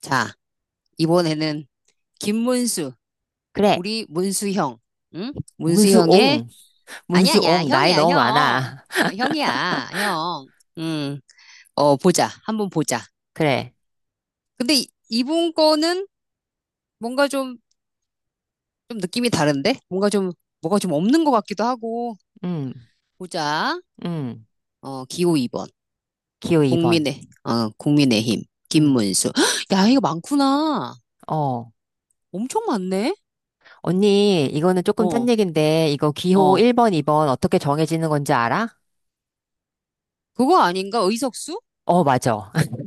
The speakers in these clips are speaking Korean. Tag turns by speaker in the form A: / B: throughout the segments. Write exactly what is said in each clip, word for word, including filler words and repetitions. A: 자, 이번에는 김문수,
B: 그래.
A: 우리 문수 형, 응? 문수 형의
B: 문수옹.
A: 아니 야 아니야,
B: 문수옹. 나이
A: 형이야,
B: 너무
A: 형,
B: 많아.
A: 어, 형이야, 형, 음, 어 보자, 한번 보자.
B: 그래.
A: 근데 이- 이분 거는 뭔가 좀 좀 느낌이 다른데, 뭔가 좀 뭐가 좀 없는 것 같기도 하고
B: 음,
A: 보자.
B: 음.
A: 어 기호 이 번
B: 기호 이 번.
A: 국민의 어 국민의힘
B: 음.
A: 김문수. 야, 이거 많구나,
B: 어.
A: 엄청 많네.
B: 언니, 이거는 조금 딴
A: 어,
B: 얘긴데, 이거 기호
A: 어,
B: 일 번, 이 번 어떻게 정해지는 건지 알아?
A: 그거 아닌가? 의석수?
B: 어, 맞아.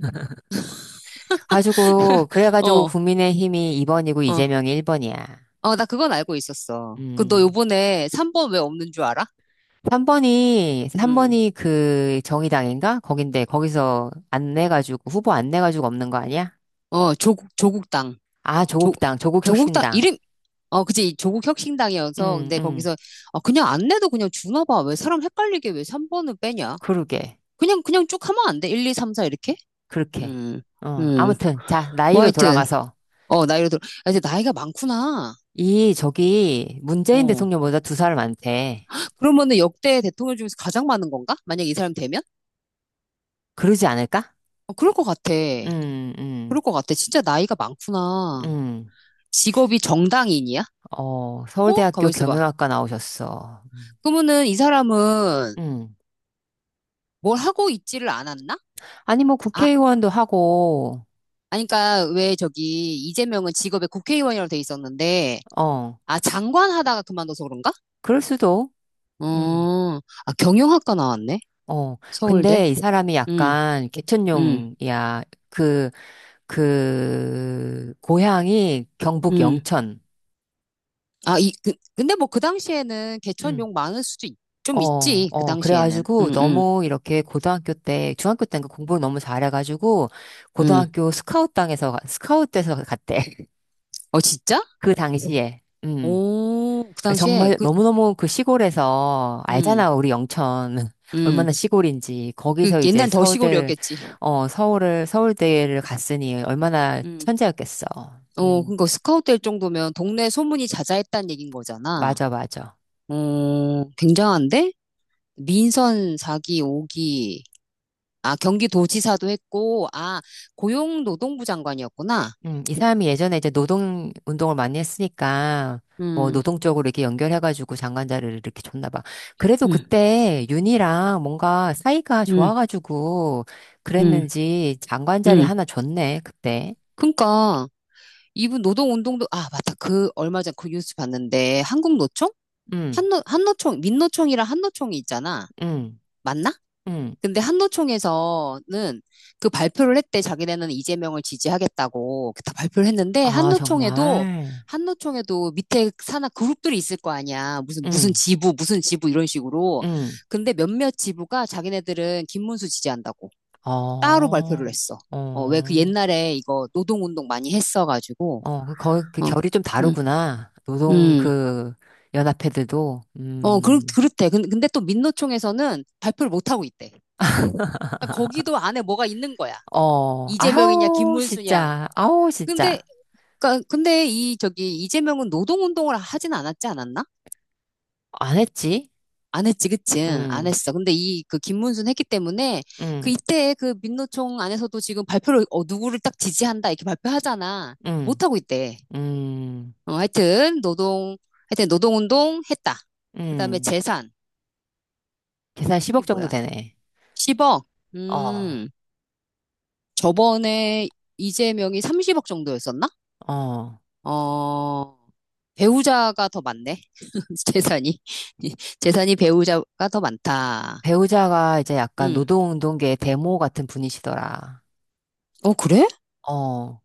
B: 가지고, 그래가지고
A: 어,
B: 국민의힘이 이 번이고
A: 어.
B: 이재명이 일 번이야.
A: 어, 나 그건 알고 있었어. 그 너
B: 음.
A: 요번에 삼 번 왜 없는 줄 알아?
B: 삼 번이, 삼 번
A: 응.
B: 이 그 정의당인가? 거긴데, 거기서 안 내가지고, 후보 안 내가지고 없는 거 아니야?
A: 어, 조국, 조국당.
B: 아,
A: 조,
B: 조국당,
A: 조국당,
B: 조국혁신당.
A: 이름, 어, 그치. 조국 혁신당이어서.
B: 음,
A: 근데
B: 음.
A: 거기서, 아, 그냥 안 내도 그냥 주나 봐. 왜 사람 헷갈리게 왜 삼 번을 빼냐?
B: 그러게.
A: 그냥, 그냥 쭉 하면 안 돼. 하나, 이, 삼, 사 이렇게?
B: 그렇게.
A: 음,
B: 어,
A: 음.
B: 아무튼, 자,
A: 뭐
B: 나이로
A: 하여튼,
B: 돌아가서,
A: 어, 나이로 들어. 아, 이제 나이가 많구나.
B: 이, 저기, 문재인
A: 어.
B: 대통령보다 두 살 많대.
A: 그러면은 역대 대통령 중에서 가장 많은 건가? 만약 이 사람 되면?
B: 그러지 않을까?
A: 어, 그럴 것 같아.
B: 음,
A: 그럴
B: 음,
A: 것 같아. 진짜 나이가 많구나.
B: 음.
A: 직업이 정당인이야?
B: 어,
A: 어? 가만
B: 서울대학교
A: 있어봐.
B: 경영학과 나오셨어.
A: 그러면은 이 사람은
B: 음.
A: 뭘 하고 있지를 않았나?
B: 아니, 뭐,
A: 아,
B: 국회의원도 하고,
A: 아니, 그니까 왜 저기 이재명은 직업에 국회의원이라고 돼 있었는데,
B: 어,
A: 아, 장관 하다가 그만둬서 그런가?
B: 그럴 수도, 음,
A: 어, 아, 경영학과 나왔네?
B: 어.
A: 서울대?
B: 근데 이 사람이
A: 응,
B: 약간
A: 응,
B: 개천용이야. 그, 그, 고향이 경북
A: 응.
B: 영천.
A: 아, 이, 그, 근데 뭐 그 당시에는 개천
B: 음.
A: 욕 많을 수도 있- 좀
B: 어,
A: 있지, 그
B: 어,
A: 당시에는.
B: 그래가지고
A: 응, 응,
B: 너무 이렇게 고등학교 때, 중학교 때는 그 공부를 너무 잘해가지고
A: 응.
B: 고등학교 스카웃당에서, 가- 스카웃돼서 갔대.
A: 어, 진짜?
B: 그 당시에. 음.
A: 오, 그 당시에,
B: 정말
A: 그,
B: 너무너무 그 시골에서
A: 응,
B: 알잖아, 우리 영천.
A: 응.
B: 얼마나 시골인지.
A: 그
B: 거기서 이제
A: 옛날 더
B: 서울대,
A: 시골이었겠지.
B: 어, 서울을, 서울대를 갔으니 얼마나
A: 응.
B: 천재였겠어.
A: 어,
B: 음,
A: 그러니까 스카우트 될 정도면 동네 소문이 자자했다는 얘긴 거잖아.
B: 맞아, 맞아.
A: 어, 굉장한데? 민선 사 기, 오 기. 아, 경기도지사도 했고, 아, 고용노동부 장관이었구나.
B: 음, 이 사람이 예전에 이제 노동 운동을 많이 했으니까 뭐
A: 음,
B: 노동 쪽으로 이렇게 연결해가지고 장관 자리를 이렇게 줬나 봐. 그래도
A: 음,
B: 그때 윤이랑 뭔가 사이가
A: 음,
B: 좋아가지고
A: 음,
B: 그랬는지 장관 자리
A: 음.
B: 하나 줬네, 그때.
A: 그러니까 이분 노동운동도, 아, 맞다. 그 얼마 전 그 뉴스 봤는데, 한국노총?
B: 음,
A: 한노, 한노총, 민노총이랑 한노총이 있잖아.
B: 음,
A: 맞나?
B: 음.
A: 근데 한노총에서는 그 발표를 했대. 자기네는 이재명을 지지하겠다고 다 발표를 했는데,
B: 아,
A: 한노총에도
B: 정말.
A: 한노총에도 밑에 산하 그룹들이 있을 거 아니야. 무슨 무슨
B: 음,
A: 지부, 무슨 지부 이런 식으로.
B: 음.
A: 근데 몇몇 지부가 자기네들은 김문수 지지한다고 따로 발표를
B: 어,
A: 했어. 어, 왜 그
B: 어,
A: 옛날에 이거 노동운동 많이 했어가지고.
B: 어. 그, 거- 그
A: 어, 그-
B: 결이 좀
A: 음,
B: 다르구나. 노동
A: 음.
B: 그 연합회들도.
A: 어, 그렇,
B: 음.
A: 그렇대. 근- 근데 또 민노총에서는 발표를 못하고 있대. 그러니까 거기도 안에 뭐가 있는 거야.
B: 어,
A: 이재명이냐,
B: 아우,
A: 김문수냐,
B: 진짜, 아우,
A: 근데,
B: 진짜.
A: 그러니까 근데 이 저기 이재명은 노동운동을 하진 않았지 않았나?
B: 안 했지?
A: 안 했지, 그치? 안
B: 음,
A: 했어. 근데 이 그 김문순 했기 때문에 그
B: 음,
A: 이때 그 민노총 안에서도 지금 발표를 어, 누구를 딱 지지한다 이렇게 발표하잖아. 못
B: 음,
A: 하고 있대.
B: 음,
A: 어, 하여튼 노동 하여튼 노동운동 했다. 그다음에
B: 음.
A: 재산.
B: 계산
A: 이
B: 십억 정도
A: 뭐야?
B: 되네.
A: 십억.
B: 어,
A: 음, 저번에 이재명이 삼십억 정도였었나?
B: 어.
A: 어, 배우자가 더 많네. 재산이. 재산이 배우자가 더 많다.
B: 배우자가 이제 약간
A: 응.
B: 노동운동계 대모 같은 분이시더라.
A: 어, 그래?
B: 어.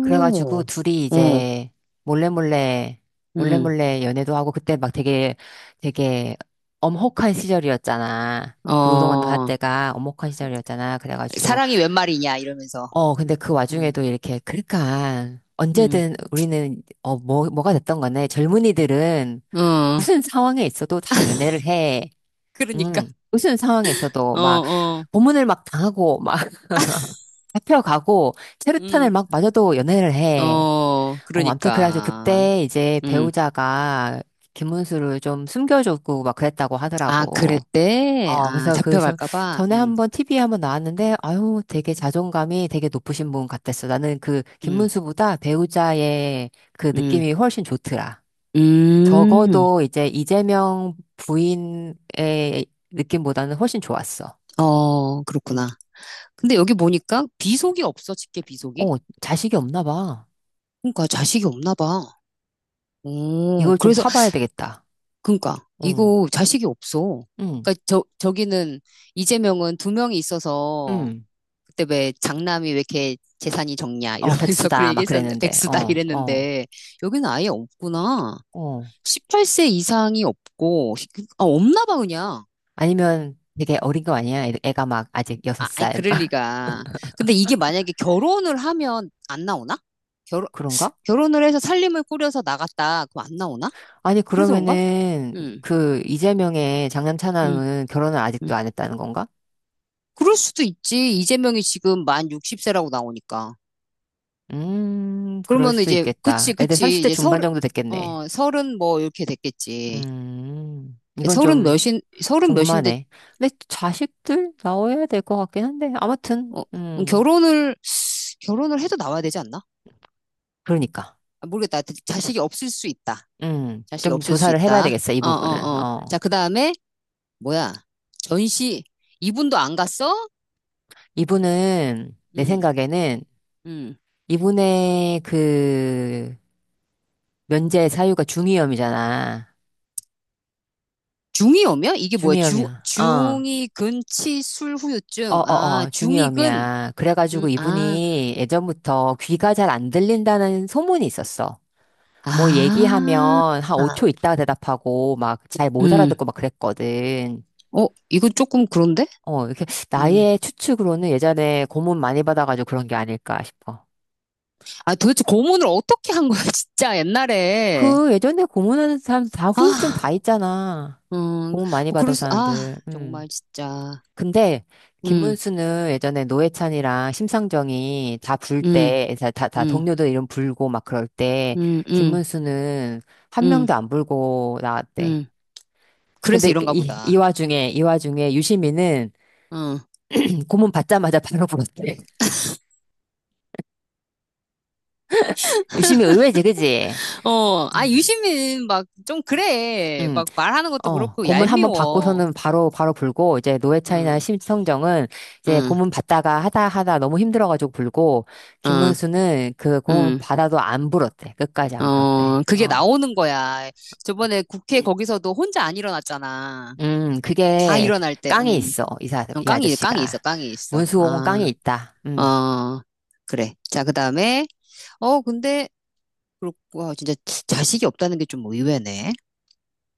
B: 그래가지고 둘이
A: 응,
B: 이제 몰래몰래,
A: 응,
B: 몰래몰래 연애도 하고 그때 막 되게, 되게 엄혹한 시절이었잖아. 그 노동운동 할
A: 어,
B: 때가 엄혹한 시절이었잖아. 그래가지고
A: 사랑이 웬 말이냐, 이러면서.
B: 어, 근데 그
A: 응,
B: 와중에도 이렇게, 그러니까,
A: 응,
B: 언제든 우리는, 어, 뭐, 뭐가 됐던 간에 젊은이들은
A: 어,
B: 무슨 상황에 있어도 다 연애를 해.
A: 그러니까.
B: 음 무슨 상황에 있어도
A: 어,
B: 막,
A: 어,
B: 고문을 막 당하고, 막, 잡혀가고,
A: 응,
B: 체류탄을 막 맞아도 연애를 해.
A: 어,
B: 어, 아무튼 그래가지고
A: 그러니까.
B: 그때 이제
A: 응.
B: 배우자가 김문수를 좀 숨겨주고 막 그랬다고
A: 아,
B: 하더라고.
A: 그랬대?
B: 어,
A: 아,
B: 그래서 그, 저,
A: 잡혀갈까봐?
B: 전에
A: 응,
B: 한번 티비에 한번 나왔는데, 아유, 되게 자존감이 되게 높으신 분 같았어. 나는 그,
A: 응,
B: 김문수보다 배우자의 그
A: 응,
B: 느낌이 훨씬 좋더라.
A: 음,
B: 적어도 이제 이재명 부인의 느낌보다는 훨씬 좋았어.
A: 어, 그렇구나.
B: 음.
A: 근데 여기 보니까 비속이 없어, 직계 비속이.
B: 어, 자식이 없나 봐.
A: 그러니까 자식이 없나 봐. 오,
B: 이걸 좀
A: 그래서
B: 파봐야 되겠다.
A: 그러니까
B: 응,
A: 이거 자식이 없어.
B: 응,
A: 그러니까 저 저기는 이재명은 두 명이 있어서
B: 응.
A: 그때 왜 장남이 왜 이렇게 재산이 적냐
B: 어,
A: 이러면서 그런
B: 백수다. 막
A: 얘기했었는데
B: 그랬는데,
A: 백수다
B: 어, 어,
A: 이랬는데, 여기는 아예 없구나.
B: 어.
A: 십팔 세 이상이 없고, 아, 없나 봐 그냥.
B: 아니면 되게 어린 거 아니야? 애- 애가 막 아직 여섯
A: 아, 아니
B: 살.
A: 그럴 리가. 근데 이게 만약에 결혼을 하면 안 나오나? 결
B: 그런가?
A: 결혼을 해서 살림을 꾸려서 나갔다. 그럼 안 나오나?
B: 아니,
A: 그래서 그런가?
B: 그러면은,
A: 응,
B: 그, 이재명의 장남
A: 응,
B: 차남은 결혼을 아직도
A: 응.
B: 안 했다는 건가?
A: 그럴 수도 있지. 이재명이 지금 만 육십 세라고 나오니까.
B: 음, 그럴
A: 그러면
B: 수도
A: 이제, 그치,
B: 있겠다. 애들
A: 그치.
B: 삼십 대
A: 이제
B: 중반
A: 서른,
B: 정도 됐겠네.
A: 어, 서른 뭐 이렇게 됐겠지.
B: 음, 이건
A: 서른
B: 좀
A: 몇인, 서른 몇인데,
B: 궁금하네. 근데 자식들 나와야 될 것 같긴 한데, 아무튼,
A: 어, 음,
B: 음,
A: 결혼을, 결혼을 해도 나와야 되지 않나?
B: 그러니까.
A: 아, 모르겠다. 자- 자식이 없을 수 있다.
B: 음,
A: 자식이
B: 좀
A: 없을 수
B: 조사를 해봐야
A: 있다.
B: 되겠어, 이
A: 어,
B: 부분은.
A: 어, 어. 자,
B: 어.
A: 그 다음에, 뭐야. 전시, 이분도 안 갔어?
B: 이분은, 내
A: 응,
B: 생각에는,
A: 응.
B: 이분의 그, 면제 사유가 중이염이잖아.
A: 중이 오면? 이게 뭐야? 중,
B: 중이염이야. 어.
A: 중이근치술 후유증. 아,
B: 어어어,
A: 중이근.
B: 중이염이야.
A: 음,
B: 그래가지고
A: 아,
B: 이분이 예전부터 귀가 잘 안 들린다는 소문이 있었어. 뭐
A: 아,
B: 얘기하면 한 오 초 있다가 대답하고 막 잘 못
A: 음.
B: 알아듣고 막 그랬거든.
A: 어, 이거 조금 그런데?
B: 어, 이렇게
A: 음.
B: 나의 추측으로는 예전에 고문 많이 받아가지고 그런 게 아닐까 싶어.
A: 아, 도대체 고문을 어떻게 한 거야, 진짜, 옛날에.
B: 그 예전에 고문하는 사람 다 후유증 다
A: 아,
B: 있잖아.
A: 음,
B: 고문 많이
A: 뭐, 그럴
B: 받은
A: 수, 아,
B: 사람들. 음.
A: 정말, 진짜.
B: 근데
A: 음,
B: 김문수는 예전에 노회찬이랑 심상정이 다 불
A: 음,
B: 때, 다, 다, 다
A: 음,
B: 동료들 이름 불고 막 그럴 때,
A: 음, 음,
B: 김문수는 한
A: 음,
B: 명도 안 불고 나왔대.
A: 음. 그래서
B: 근데 그
A: 이런가
B: 이, 이
A: 보다.
B: 와중에, 이 와중에 유시민은
A: 어.
B: 음, 고문 받자마자 바로 불었대. 유시민 의외지, 그지?
A: 어, 아,
B: 음.
A: 유시민, 막, 좀 그래.
B: 응.
A: 막, 말하는 것도
B: 어,
A: 그렇고,
B: 고문 한번
A: 얄미워.
B: 받고서는 바로, 바로 불고, 이제 노회찬이나
A: 음.
B: 심성정은 이제
A: 응,
B: 고문 받다가 하다 하다 너무 힘들어가지고 불고,
A: 응,
B: 김문수는 그 고문
A: 응.
B: 받아도 안 불었대. 끝까지 안 불었대.
A: 어, 그게
B: 어.
A: 나오는 거야. 저번에 국회 거기서도 혼자 안 일어났잖아.
B: 음,
A: 다
B: 그게
A: 일어날 때,
B: 깡에
A: 음,
B: 있어. 이 사,
A: 어,
B: 이
A: 깡이, 깡이 있어,
B: 아저씨가.
A: 깡이 있어.
B: 문수홍은 깡에
A: 아,
B: 있다. 음,
A: 어, 그래. 자, 그 다음에, 어, 근데, 그렇고, 와, 진짜 자식이 없다는 게 좀 의외네.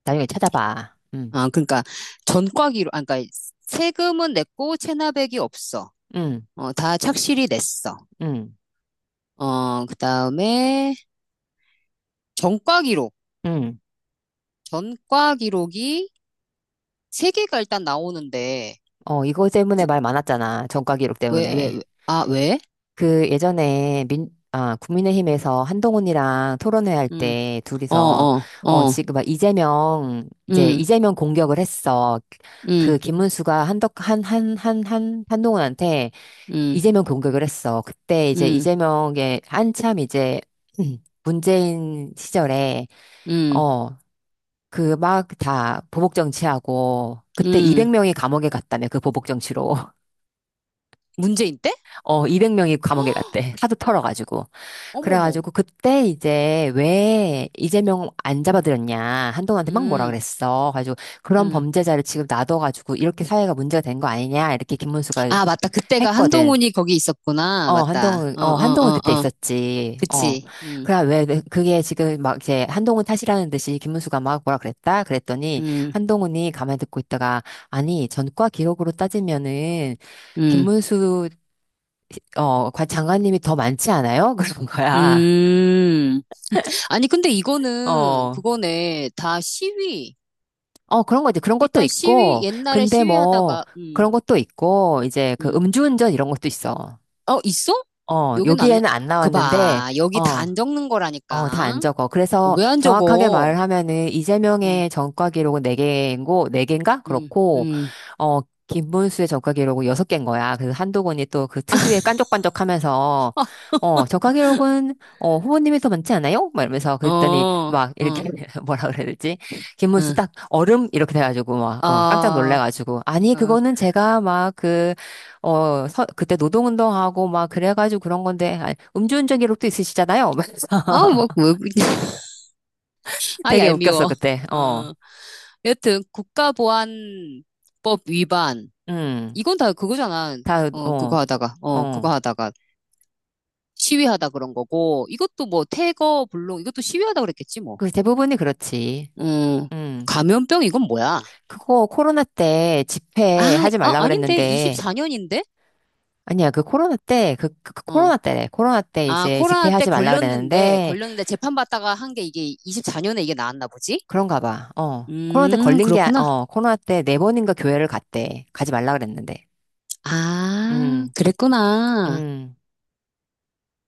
B: 나중에 찾아봐. 음,
A: 아, 그러니까, 전과기로, 아, 그러니까, 세금은 냈고, 체납액이 없어.
B: 음,
A: 어, 다 착실히 냈어.
B: 음,
A: 어, 그 다음에, 전과기록.
B: 음.
A: 전과기록이 세 개가 일단 나오는데,
B: 어, 이거
A: 구-
B: 때문에 말 많았잖아. 전과 기록
A: 왜, 왜, 왜,
B: 때문에.
A: 아, 왜?
B: 그 예전에 민, 아, 국민의힘에서 한동훈이랑 토론회 할
A: 음,
B: 때
A: 어,
B: 둘이서
A: 어,
B: 어
A: 어,
B: 지금 막 이재명 이제
A: 음,
B: 이재명 공격을 했어.
A: 음,
B: 그 김문수가 한덕 한 한 한 한 한동훈한테
A: 음,
B: 이재명 공격을 했어. 그때 이제
A: 음,
B: 이재명의 한참 이제 문재인 시절에
A: 음,
B: 어 그 막 다 보복 정치하고 그때
A: 음.
B: 이백 명이 감옥에 갔다며 그 보복 정치로.
A: 문재인 때?
B: 어, 이백 명이 감옥에 갔대. 하도 털어가지고.
A: 어머머,
B: 그래가지고 그때 이제 왜 이재명 안 잡아들였냐. 한동훈한테 막 뭐라
A: 음,
B: 그랬어. 가지고 그런
A: 음.
B: 범죄자를 지금 놔둬가지고 이렇게 사회가 문제가 된 거 아니냐. 이렇게 김문수가
A: 아, 맞다. 그때가
B: 했거든.
A: 한동훈이 거기 있었구나.
B: 어,
A: 맞다.
B: 한동훈,
A: 어,
B: 어, 한동훈
A: 어, 어,
B: 그때
A: 어.
B: 있었지. 어.
A: 그치. 음,
B: 그래, 왜, 왜 그게 지금 막 이제 한동훈 탓이라는 듯이 김문수가 막 뭐라 그랬다? 그랬더니
A: 음,
B: 한동훈이 가만히 듣고 있다가 아니, 전과 기록으로 따지면은
A: 음,
B: 김문수 어, 과- 장관님이 더 많지 않아요? 그런 거야.
A: 음. 아니, 근데 이거는,
B: 어,
A: 그거네. 다 시위.
B: 어, 그런 거 이제 그런 것도
A: 일단 시위,
B: 있고,
A: 옛날에
B: 근데 뭐,
A: 시위하다가, 음,
B: 그런 것도 있고, 이제 그
A: 음.
B: 음주운전 이런 것도 있어.
A: 어, 있어?
B: 어,
A: 여기는 안, 나-
B: 여기에는 안
A: 그
B: 나왔는데,
A: 봐. 여기 다
B: 어,
A: 안 적는
B: 어, 다 안
A: 거라니까.
B: 적어. 그래서
A: 왜 안
B: 정확하게
A: 적어?
B: 말을 하면은
A: 응,
B: 이재명의 전과 기록은 네 개고, 네개인가
A: 응,
B: 그렇고,
A: 응.
B: 어, 김문수의 전과 기록은 여섯 개인 거야. 그래서 한동훈이 또 그 특유의 깐족깐족 하면서, 어, 전과 기록은, 어, 후보님이 더 많지 않아요? 막 이러면서
A: 어,
B: 그랬더니
A: 어,
B: 막 이렇게 뭐라 그래야 되지? 김문수
A: 응.
B: 딱 얼음? 이렇게 돼가지고 막, 어, 깜짝
A: 아,
B: 놀래가지고. 아니,
A: 어,
B: 그거는 제가 막 그, 어, 서- 그때 노동운동하고 막 그래가지고 그런 건데, 아니, 음주운전 기록도 있으시잖아요. 막 이러면서
A: 아, 뭐, 뭐 아,
B: 되게 웃겼어,
A: 얄미워.
B: 그때. 어,
A: 어. 여튼, 국가보안법 위반.
B: 음,
A: 이건 다 그거잖아.
B: 다,
A: 어, 그거
B: 어,
A: 하다가, 어, 그거
B: 어.
A: 하다가 시위하다 그런 거고, 이것도 뭐, 태거, 불농, 이것도 시위하다 그랬겠지, 뭐.
B: 그 대부분이 그렇지.
A: 음,
B: 음.
A: 감염병, 이건 뭐야?
B: 그거 코로나 때 집회
A: 아,
B: 하지
A: 아,
B: 말라
A: 아닌데,
B: 그랬는데,
A: 이십사 년인데?
B: 아니야, 그 코로나 때, 그, 그- 그
A: 어.
B: 코로나 때래. 코로나 때
A: 아,
B: 이제
A: 코로나
B: 집회
A: 때
B: 하지 말라
A: 걸렸는데,
B: 그랬는데,
A: 걸렸는데 재판받다가 한 게 이게 이십사 년에 이게 나왔나 보지?
B: 그런가 봐. 어. 코로나 때
A: 음,
B: 걸린 게, 아-
A: 그렇구나.
B: 어, 코로나 때 네 번인가 교회를 갔대. 가지 말라 그랬는데.
A: 아,
B: 음,
A: 그랬구나.
B: 음.